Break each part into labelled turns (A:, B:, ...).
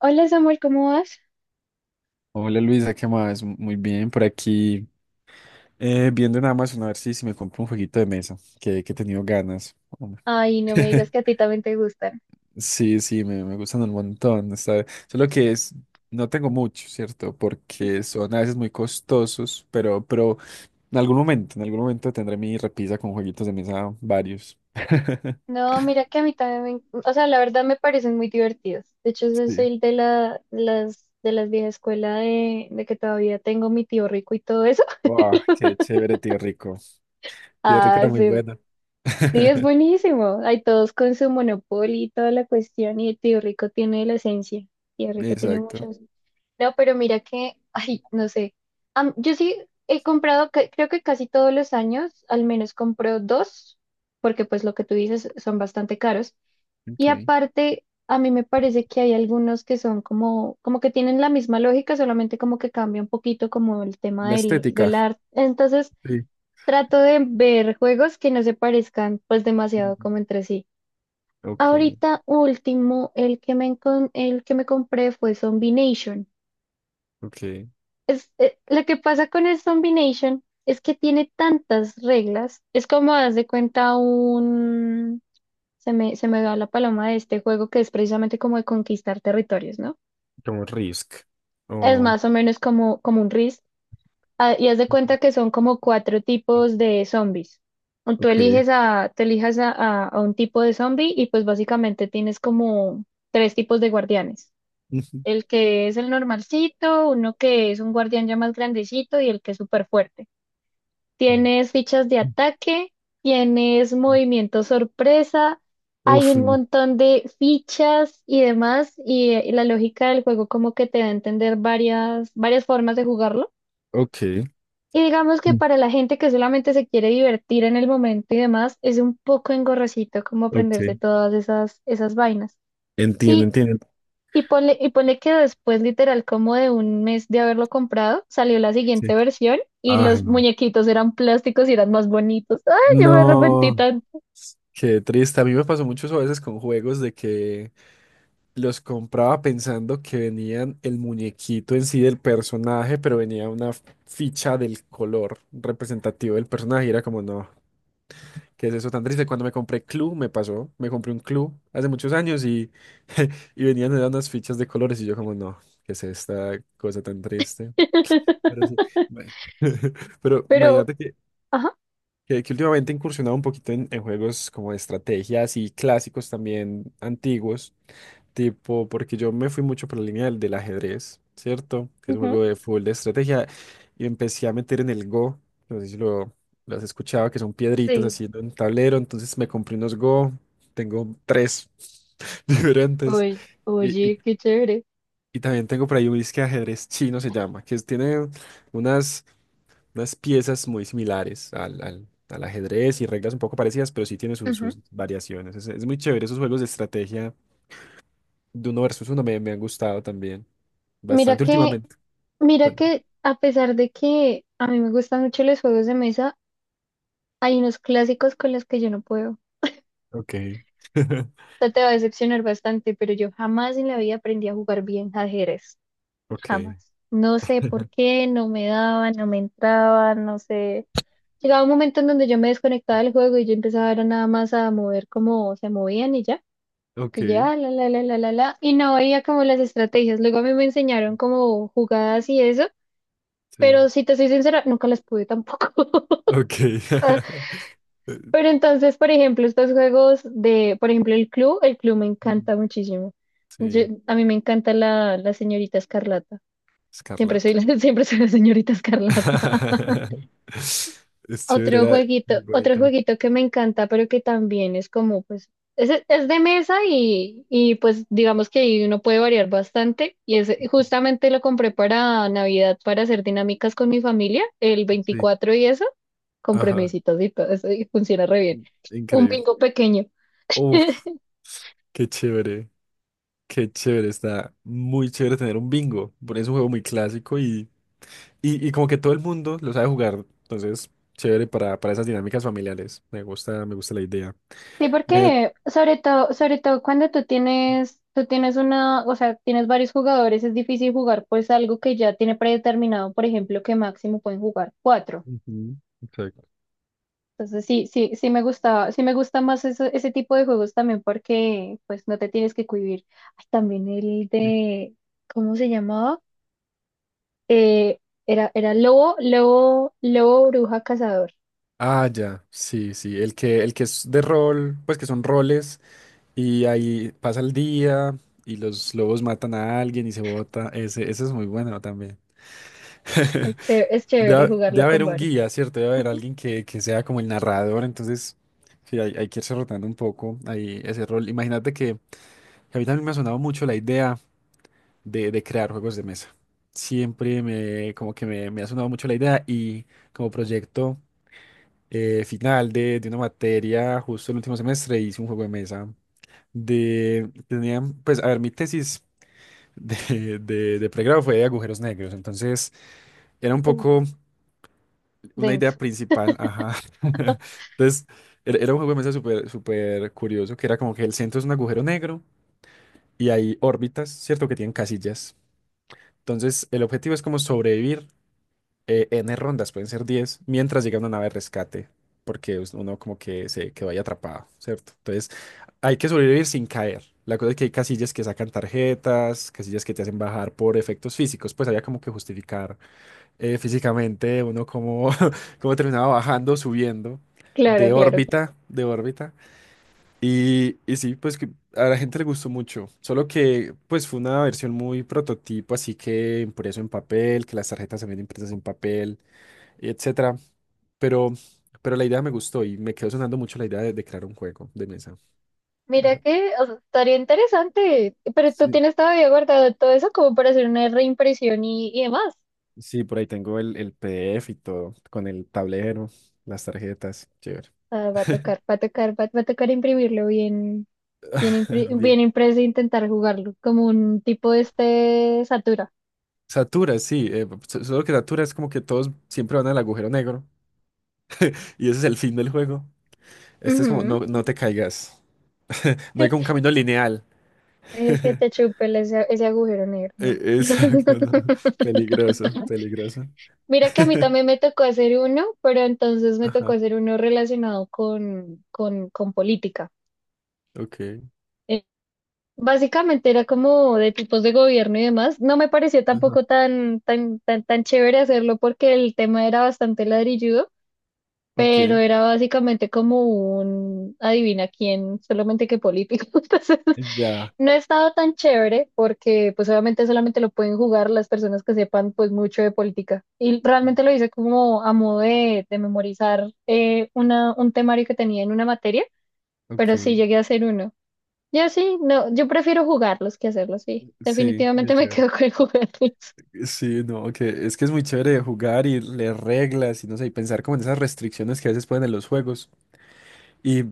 A: Hola Samuel, ¿cómo vas?
B: Hola Luisa, ¿qué más? Muy bien, por aquí viendo en Amazon a ver si me compro un jueguito de mesa, que he tenido ganas. Hombre.
A: Ay, no me digas que a ti también te gustan.
B: Sí, sí, me gustan un montón. Solo que es, no tengo mucho, ¿cierto? Porque
A: Ujú.
B: son a veces muy costosos, pero en algún momento tendré mi repisa con jueguitos de mesa varios.
A: No, mira que a mí también o sea, la verdad me parecen muy divertidos. De hecho, yo
B: Sí.
A: soy de de las vieja escuela de que todavía tengo mi tío rico y todo eso.
B: Wow, qué chévere, tío Rico. Tío Rico
A: Ah,
B: era muy
A: sí,
B: bueno.
A: sí, es buenísimo. Hay todos con su monopolio y toda la cuestión y el tío rico tiene la esencia. Tío rico tiene mucho.
B: Exacto.
A: No, pero mira que, ay, no sé. Yo sí he comprado, creo que casi todos los años, al menos compro dos, porque pues lo que tú dices son bastante caros. Y
B: Ok.
A: aparte, a mí me parece que hay algunos que son como que tienen la misma lógica, solamente como que cambia un poquito como el tema
B: La estética.
A: del arte. Entonces,
B: Sí.
A: trato de ver juegos que no se parezcan pues demasiado como entre sí.
B: Ok,
A: Ahorita último, el el que me compré fue Zombie Nation.
B: ok.
A: Es, lo que pasa con el Zombie Nation es que tiene tantas reglas. Es como, haz de cuenta, un... se me va la paloma de este juego que es precisamente como de conquistar territorios, ¿no?
B: Como Risk.
A: Es
B: Oh,
A: más o menos como un RIS. Ah, y haz de
B: ujú.
A: cuenta que son como cuatro tipos de zombies. O Tú
B: Ok.
A: eliges a, te elijas a un tipo de zombie y pues básicamente tienes como tres tipos de guardianes. El que es el normalcito, uno que es un guardián ya más grandecito y el que es súper fuerte. Tienes fichas de ataque, tienes movimiento sorpresa, hay
B: Uf,
A: un montón de fichas y demás, y, la lógica del juego como que te da a entender varias formas de jugarlo.
B: ok,
A: Y digamos que
B: mm,
A: para la gente que solamente se quiere divertir en el momento y demás, es un poco engorrosito como
B: ok.
A: aprenderse todas esas vainas.
B: Entiendo,
A: Y
B: entiendo.
A: y ponle que después, literal, como de un mes de haberlo comprado, salió la
B: Sí.
A: siguiente versión y
B: Ay,
A: los
B: no.
A: muñequitos eran plásticos y eran más bonitos. Ay, yo me arrepentí
B: No.
A: tanto.
B: Qué triste. A mí me pasó mucho eso a veces con juegos de que los compraba pensando que venían el muñequito en sí del personaje, pero venía una ficha del color representativo del personaje. Y era como, no. ¿Qué es eso tan triste? Cuando me compré Clue, me pasó. Me compré un Clue hace muchos años y, y venían eran unas fichas de colores y yo como, no, ¿qué es esta cosa tan triste? Pero sí. Bueno. Pero
A: Pero,
B: imagínate
A: ajá,
B: que últimamente he incursionado un poquito en juegos como de estrategias y clásicos también antiguos. Tipo, porque yo me fui mucho por la línea del ajedrez, ¿cierto? Que es un
A: ujú,
B: juego de fútbol de estrategia. Y empecé a meter en el Go. No sé si lo has escuchado, que son piedritas
A: sí.
B: haciendo un tablero. Entonces me compré unos Go. Tengo tres diferentes.
A: Oye,
B: Y, y,
A: oye, qué chévere.
B: y también tengo por ahí un disque de ajedrez chino, se llama, tiene unas, unas piezas muy similares al ajedrez y reglas un poco parecidas, pero sí tiene sus,
A: Ujú.
B: sus variaciones. Es muy chévere esos juegos de estrategia de uno versus uno me han gustado también.
A: Mira
B: Bastante
A: que,
B: últimamente.
A: mira que
B: Cuéntame.
A: a pesar de que a mí me gustan mucho los juegos de mesa, hay unos clásicos con los que yo no puedo. O
B: Ok.
A: sea, te va a decepcionar bastante, pero yo jamás en la vida aprendí a jugar bien ajedrez.
B: Ok.
A: Jamás. No sé por qué, no me daba, no me entraba, no sé. Llegaba un momento en donde yo me desconectaba del juego y yo empezaba era nada más a mover como se movían y ya.
B: Ok.
A: Y ya, la Y no veía como las estrategias. Luego a mí me enseñaron como jugadas y eso.
B: Sí.
A: Pero si te soy sincera, nunca las pude tampoco.
B: Ok.
A: Ah, pero entonces, por ejemplo, estos juegos de, por ejemplo, el club me
B: Ujú.
A: encanta muchísimo.
B: Sí.
A: A mí me encanta la señorita Escarlata. Siempre soy
B: Escarlata.
A: la, siempre soy la señorita Escarlata.
B: Es chévere, era muy
A: Otro
B: bonita.
A: jueguito que me encanta, pero que también es como, pues, es de mesa y pues digamos que ahí uno puede variar bastante. Y es, justamente lo compré para Navidad para hacer dinámicas con mi familia, el
B: Sí.
A: veinticuatro y eso, con
B: Ajá.
A: premiecitos y todo eso, y funciona re bien. Un
B: Increíble.
A: bingo pequeño.
B: Uf, qué chévere. Qué chévere. Está muy chévere tener un bingo. Por eso es un juego muy clásico. Y. Y, y como que todo el mundo lo sabe jugar, entonces chévere para esas dinámicas familiares. Me gusta la idea.
A: Sí,
B: Mira,
A: porque sobre todo cuando tú tienes una, o sea, tienes varios jugadores, es difícil jugar pues algo que ya tiene predeterminado, por ejemplo, que máximo pueden jugar cuatro.
B: ujú, exacto.
A: Entonces sí, sí, sí me gusta más ese tipo de juegos también porque pues no te tienes que cohibir. Ay, también el
B: Sí.
A: de, ¿cómo se llamaba? Eh, era, era Lobo Bruja Cazador.
B: Ah, ya, sí, sí, el que es de rol, pues que son roles y ahí pasa el día y los lobos matan a alguien y se bota, ese es muy bueno también.
A: Es chévere
B: Debe, debe
A: jugarlo con
B: haber un
A: varios.
B: guía, ¿cierto? Debe haber
A: Ujú.
B: alguien que sea como el narrador, entonces sí, hay que irse rotando un poco ahí ese rol. Imagínate que a mí también me ha sonado mucho la idea de crear juegos de mesa. Siempre como que me ha sonado mucho la idea y como proyecto final de una materia, justo el último semestre hice un juego de mesa de, tenía, pues, a ver, mi tesis de pregrado fue de agujeros negros, entonces era un
A: Uh,
B: poco una
A: denso.
B: idea principal, ajá. Entonces, era, era un juego de mesa súper, súper curioso, que era como que el centro es un agujero negro y hay órbitas, ¿cierto? Que tienen casillas. Entonces, el objetivo es como sobrevivir N rondas, pueden ser 10 mientras llega una nave de rescate, porque uno como que se quedó ahí atrapado, ¿cierto? Entonces, hay que sobrevivir sin caer. La cosa es que hay casillas que sacan tarjetas, casillas que te hacen bajar por efectos físicos, pues había como que justificar físicamente uno como cómo terminaba bajando, subiendo
A: Claro,
B: de
A: claro.
B: órbita, de órbita. Y sí, pues que a la gente le gustó mucho, solo que pues fue una versión muy prototipo, así que impreso en papel, que las tarjetas se ven impresas en papel y etcétera. Pero, pero la idea me gustó y me quedó sonando mucho la idea de crear un juego de mesa.
A: Mira
B: Ajá.
A: que o sea, estaría interesante, pero tú
B: Sí,
A: tienes todavía guardado todo eso como para hacer una reimpresión y demás.
B: sí, por ahí tengo el PDF y todo, con el tablero, las tarjetas, chévere.
A: Ah, va a tocar, va a tocar, va a tocar imprimirlo bien.
B: Bien.
A: Bien impreso, intentar jugarlo, como un tipo de este Satura.
B: Satura, sí, solo que Satura es como que todos siempre van al agujero negro y ese es el fin del juego. Este es como, no,
A: Ujú.
B: no te caigas. No hay como un camino lineal.
A: Es que te chupe ese, ese agujero negro, ¿no?
B: Exacto, no. Peligroso, peligroso.
A: Mira que a mí también me tocó hacer uno, pero entonces me tocó
B: Ajá,
A: hacer uno relacionado con política.
B: ok.
A: Básicamente era como de tipos de gobierno y demás. No me pareció
B: Ajá,
A: tampoco tan chévere hacerlo porque el tema era bastante ladrilludo, pero
B: ok.
A: era básicamente como un adivina quién, solamente que político. Entonces,
B: Ya,
A: no he estado tan chévere porque pues obviamente solamente lo pueden jugar las personas que sepan pues mucho de política. Y realmente lo hice como a modo de memorizar una, un temario que tenía en una materia, pero sí
B: ok.
A: llegué a hacer uno. Yo sí, no, yo prefiero jugarlos que hacerlos, sí.
B: Sí, qué
A: Definitivamente me
B: chévere.
A: quedo con jugarlos.
B: Sí, no, que es muy chévere jugar y leer reglas y no sé, y pensar como en esas restricciones que a veces ponen en los juegos. Y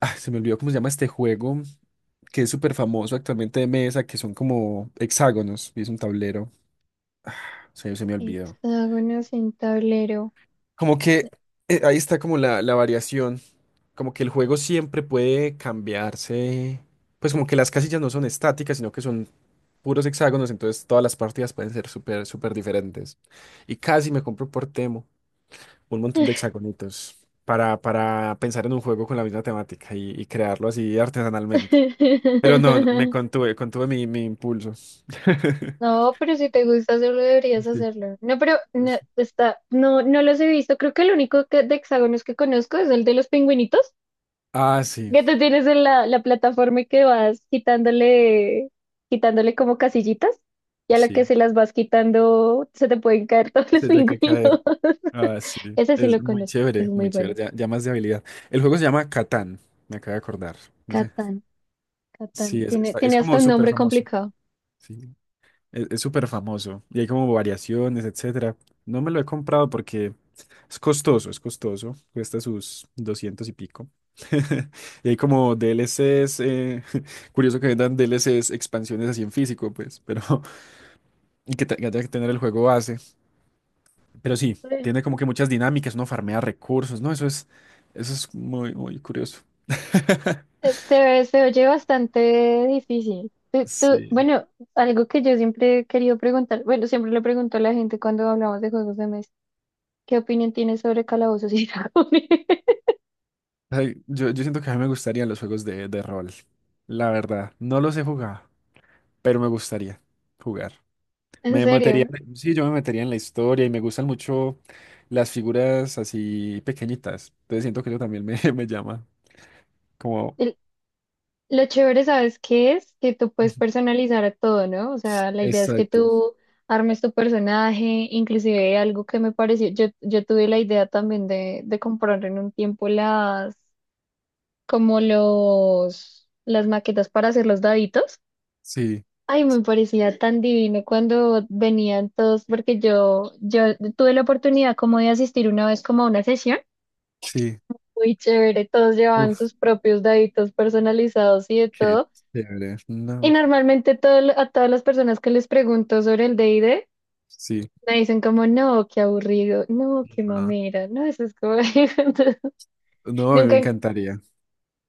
B: se me olvidó cómo se llama este juego, que es súper famoso actualmente de mesa, que son como hexágonos y es un tablero. Se me olvidó.
A: Hexágonos en tablero.
B: Como que ahí está como la variación, como que el juego siempre puede cambiarse. Pues como que las casillas no son estáticas, sino que son puros hexágonos, entonces todas las partidas pueden ser súper, súper diferentes. Y casi me compro por Temu un montón de hexagonitos para pensar en un juego con la misma temática y crearlo así artesanalmente. Pero no, no, me contuve, contuve mi impulso.
A: No, pero si te gusta hacerlo, deberías
B: Sí,
A: hacerlo. No, pero no,
B: sí.
A: está, no, no los he visto. Creo que de hexágonos que conozco es el de los pingüinitos,
B: Ah, sí,
A: que tú tienes en la plataforma y que vas quitándole, quitándole como casillitas, y a la que
B: sí.
A: se las vas quitando, se te pueden caer todos los
B: Se tiene que caer.
A: pingüinos.
B: Ah, sí.
A: Ese sí
B: Es
A: lo
B: muy
A: conozco, es
B: chévere,
A: muy
B: muy chévere.
A: bueno.
B: Ya, ya más de habilidad. El juego se llama Catán, me acabo de acordar. No sé.
A: Catán,
B: Sí,
A: Catán.
B: es,
A: Tiene,
B: es
A: tiene hasta
B: como
A: un
B: súper
A: nombre
B: famoso.
A: complicado.
B: Sí. Es súper famoso y hay como variaciones, etcétera. No me lo he comprado porque es costoso, es costoso. Cuesta sus 200 y pico. Y hay como D DLCs, curioso que vendan D L DLCs, expansiones así en físico, pues, pero y que haya que tener el juego base. Pero sí, tiene como que muchas dinámicas, uno farmea recursos, ¿no? Eso es muy, muy curioso.
A: Se ve, se oye bastante difícil.
B: Sí.
A: Bueno, algo que yo siempre he querido preguntar, bueno, siempre le pregunto a la gente cuando hablamos de juegos de mesa, ¿qué opinión tienes sobre Calabozos y Dragones?
B: Ay, yo siento que a mí me gustarían los juegos de rol. La verdad, no los he jugado, pero me gustaría jugar.
A: En
B: Me metería,
A: serio,
B: sí, yo me metería en la historia y me gustan mucho las figuras así pequeñitas. Entonces siento que eso también me, me llama. Como,
A: el- lo chévere, ¿sabes qué es? Que tú puedes
B: ujú,
A: personalizar a todo, ¿no? O sea, la idea es que
B: exacto.
A: tú armes tu personaje, inclusive algo que me pareció, yo tuve la idea también de comprar en un tiempo las, como las maquetas para hacer los daditos.
B: Sí,
A: Ay, me parecía tan divino cuando venían todos, porque yo tuve la oportunidad como de asistir una vez como a una sesión.
B: sí.
A: Muy chévere, todos llevaban
B: Uf,
A: sus propios daditos personalizados y de
B: qué
A: todo.
B: chévere.
A: Y
B: No,
A: normalmente todo, a todas las personas que les pregunto sobre el D&D,
B: sí.
A: me dicen como, no, qué aburrido, no, qué
B: No,
A: mamera, no, eso es como... Entonces,
B: no, a mí me
A: nunca,
B: encantaría.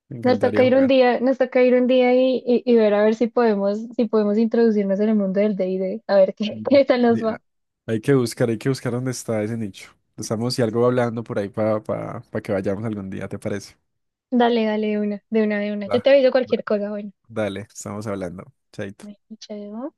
B: Me
A: nos toca
B: encantaría
A: ir un
B: jugar.
A: día, nos toca ir un día y ver a ver si podemos, si podemos introducirnos en el mundo del D&D, a ver qué,
B: Bueno,
A: qué tal nos
B: hay,
A: va.
B: hay que buscar dónde está ese nicho. Estamos y algo hablando por ahí para que vayamos algún día, ¿te parece?
A: Dale, dale, de una, de una, de una. Yo te
B: Va,
A: aviso
B: va.
A: cualquier cosa, bueno.
B: Dale, estamos hablando. Chaito.
A: Bueno, chao.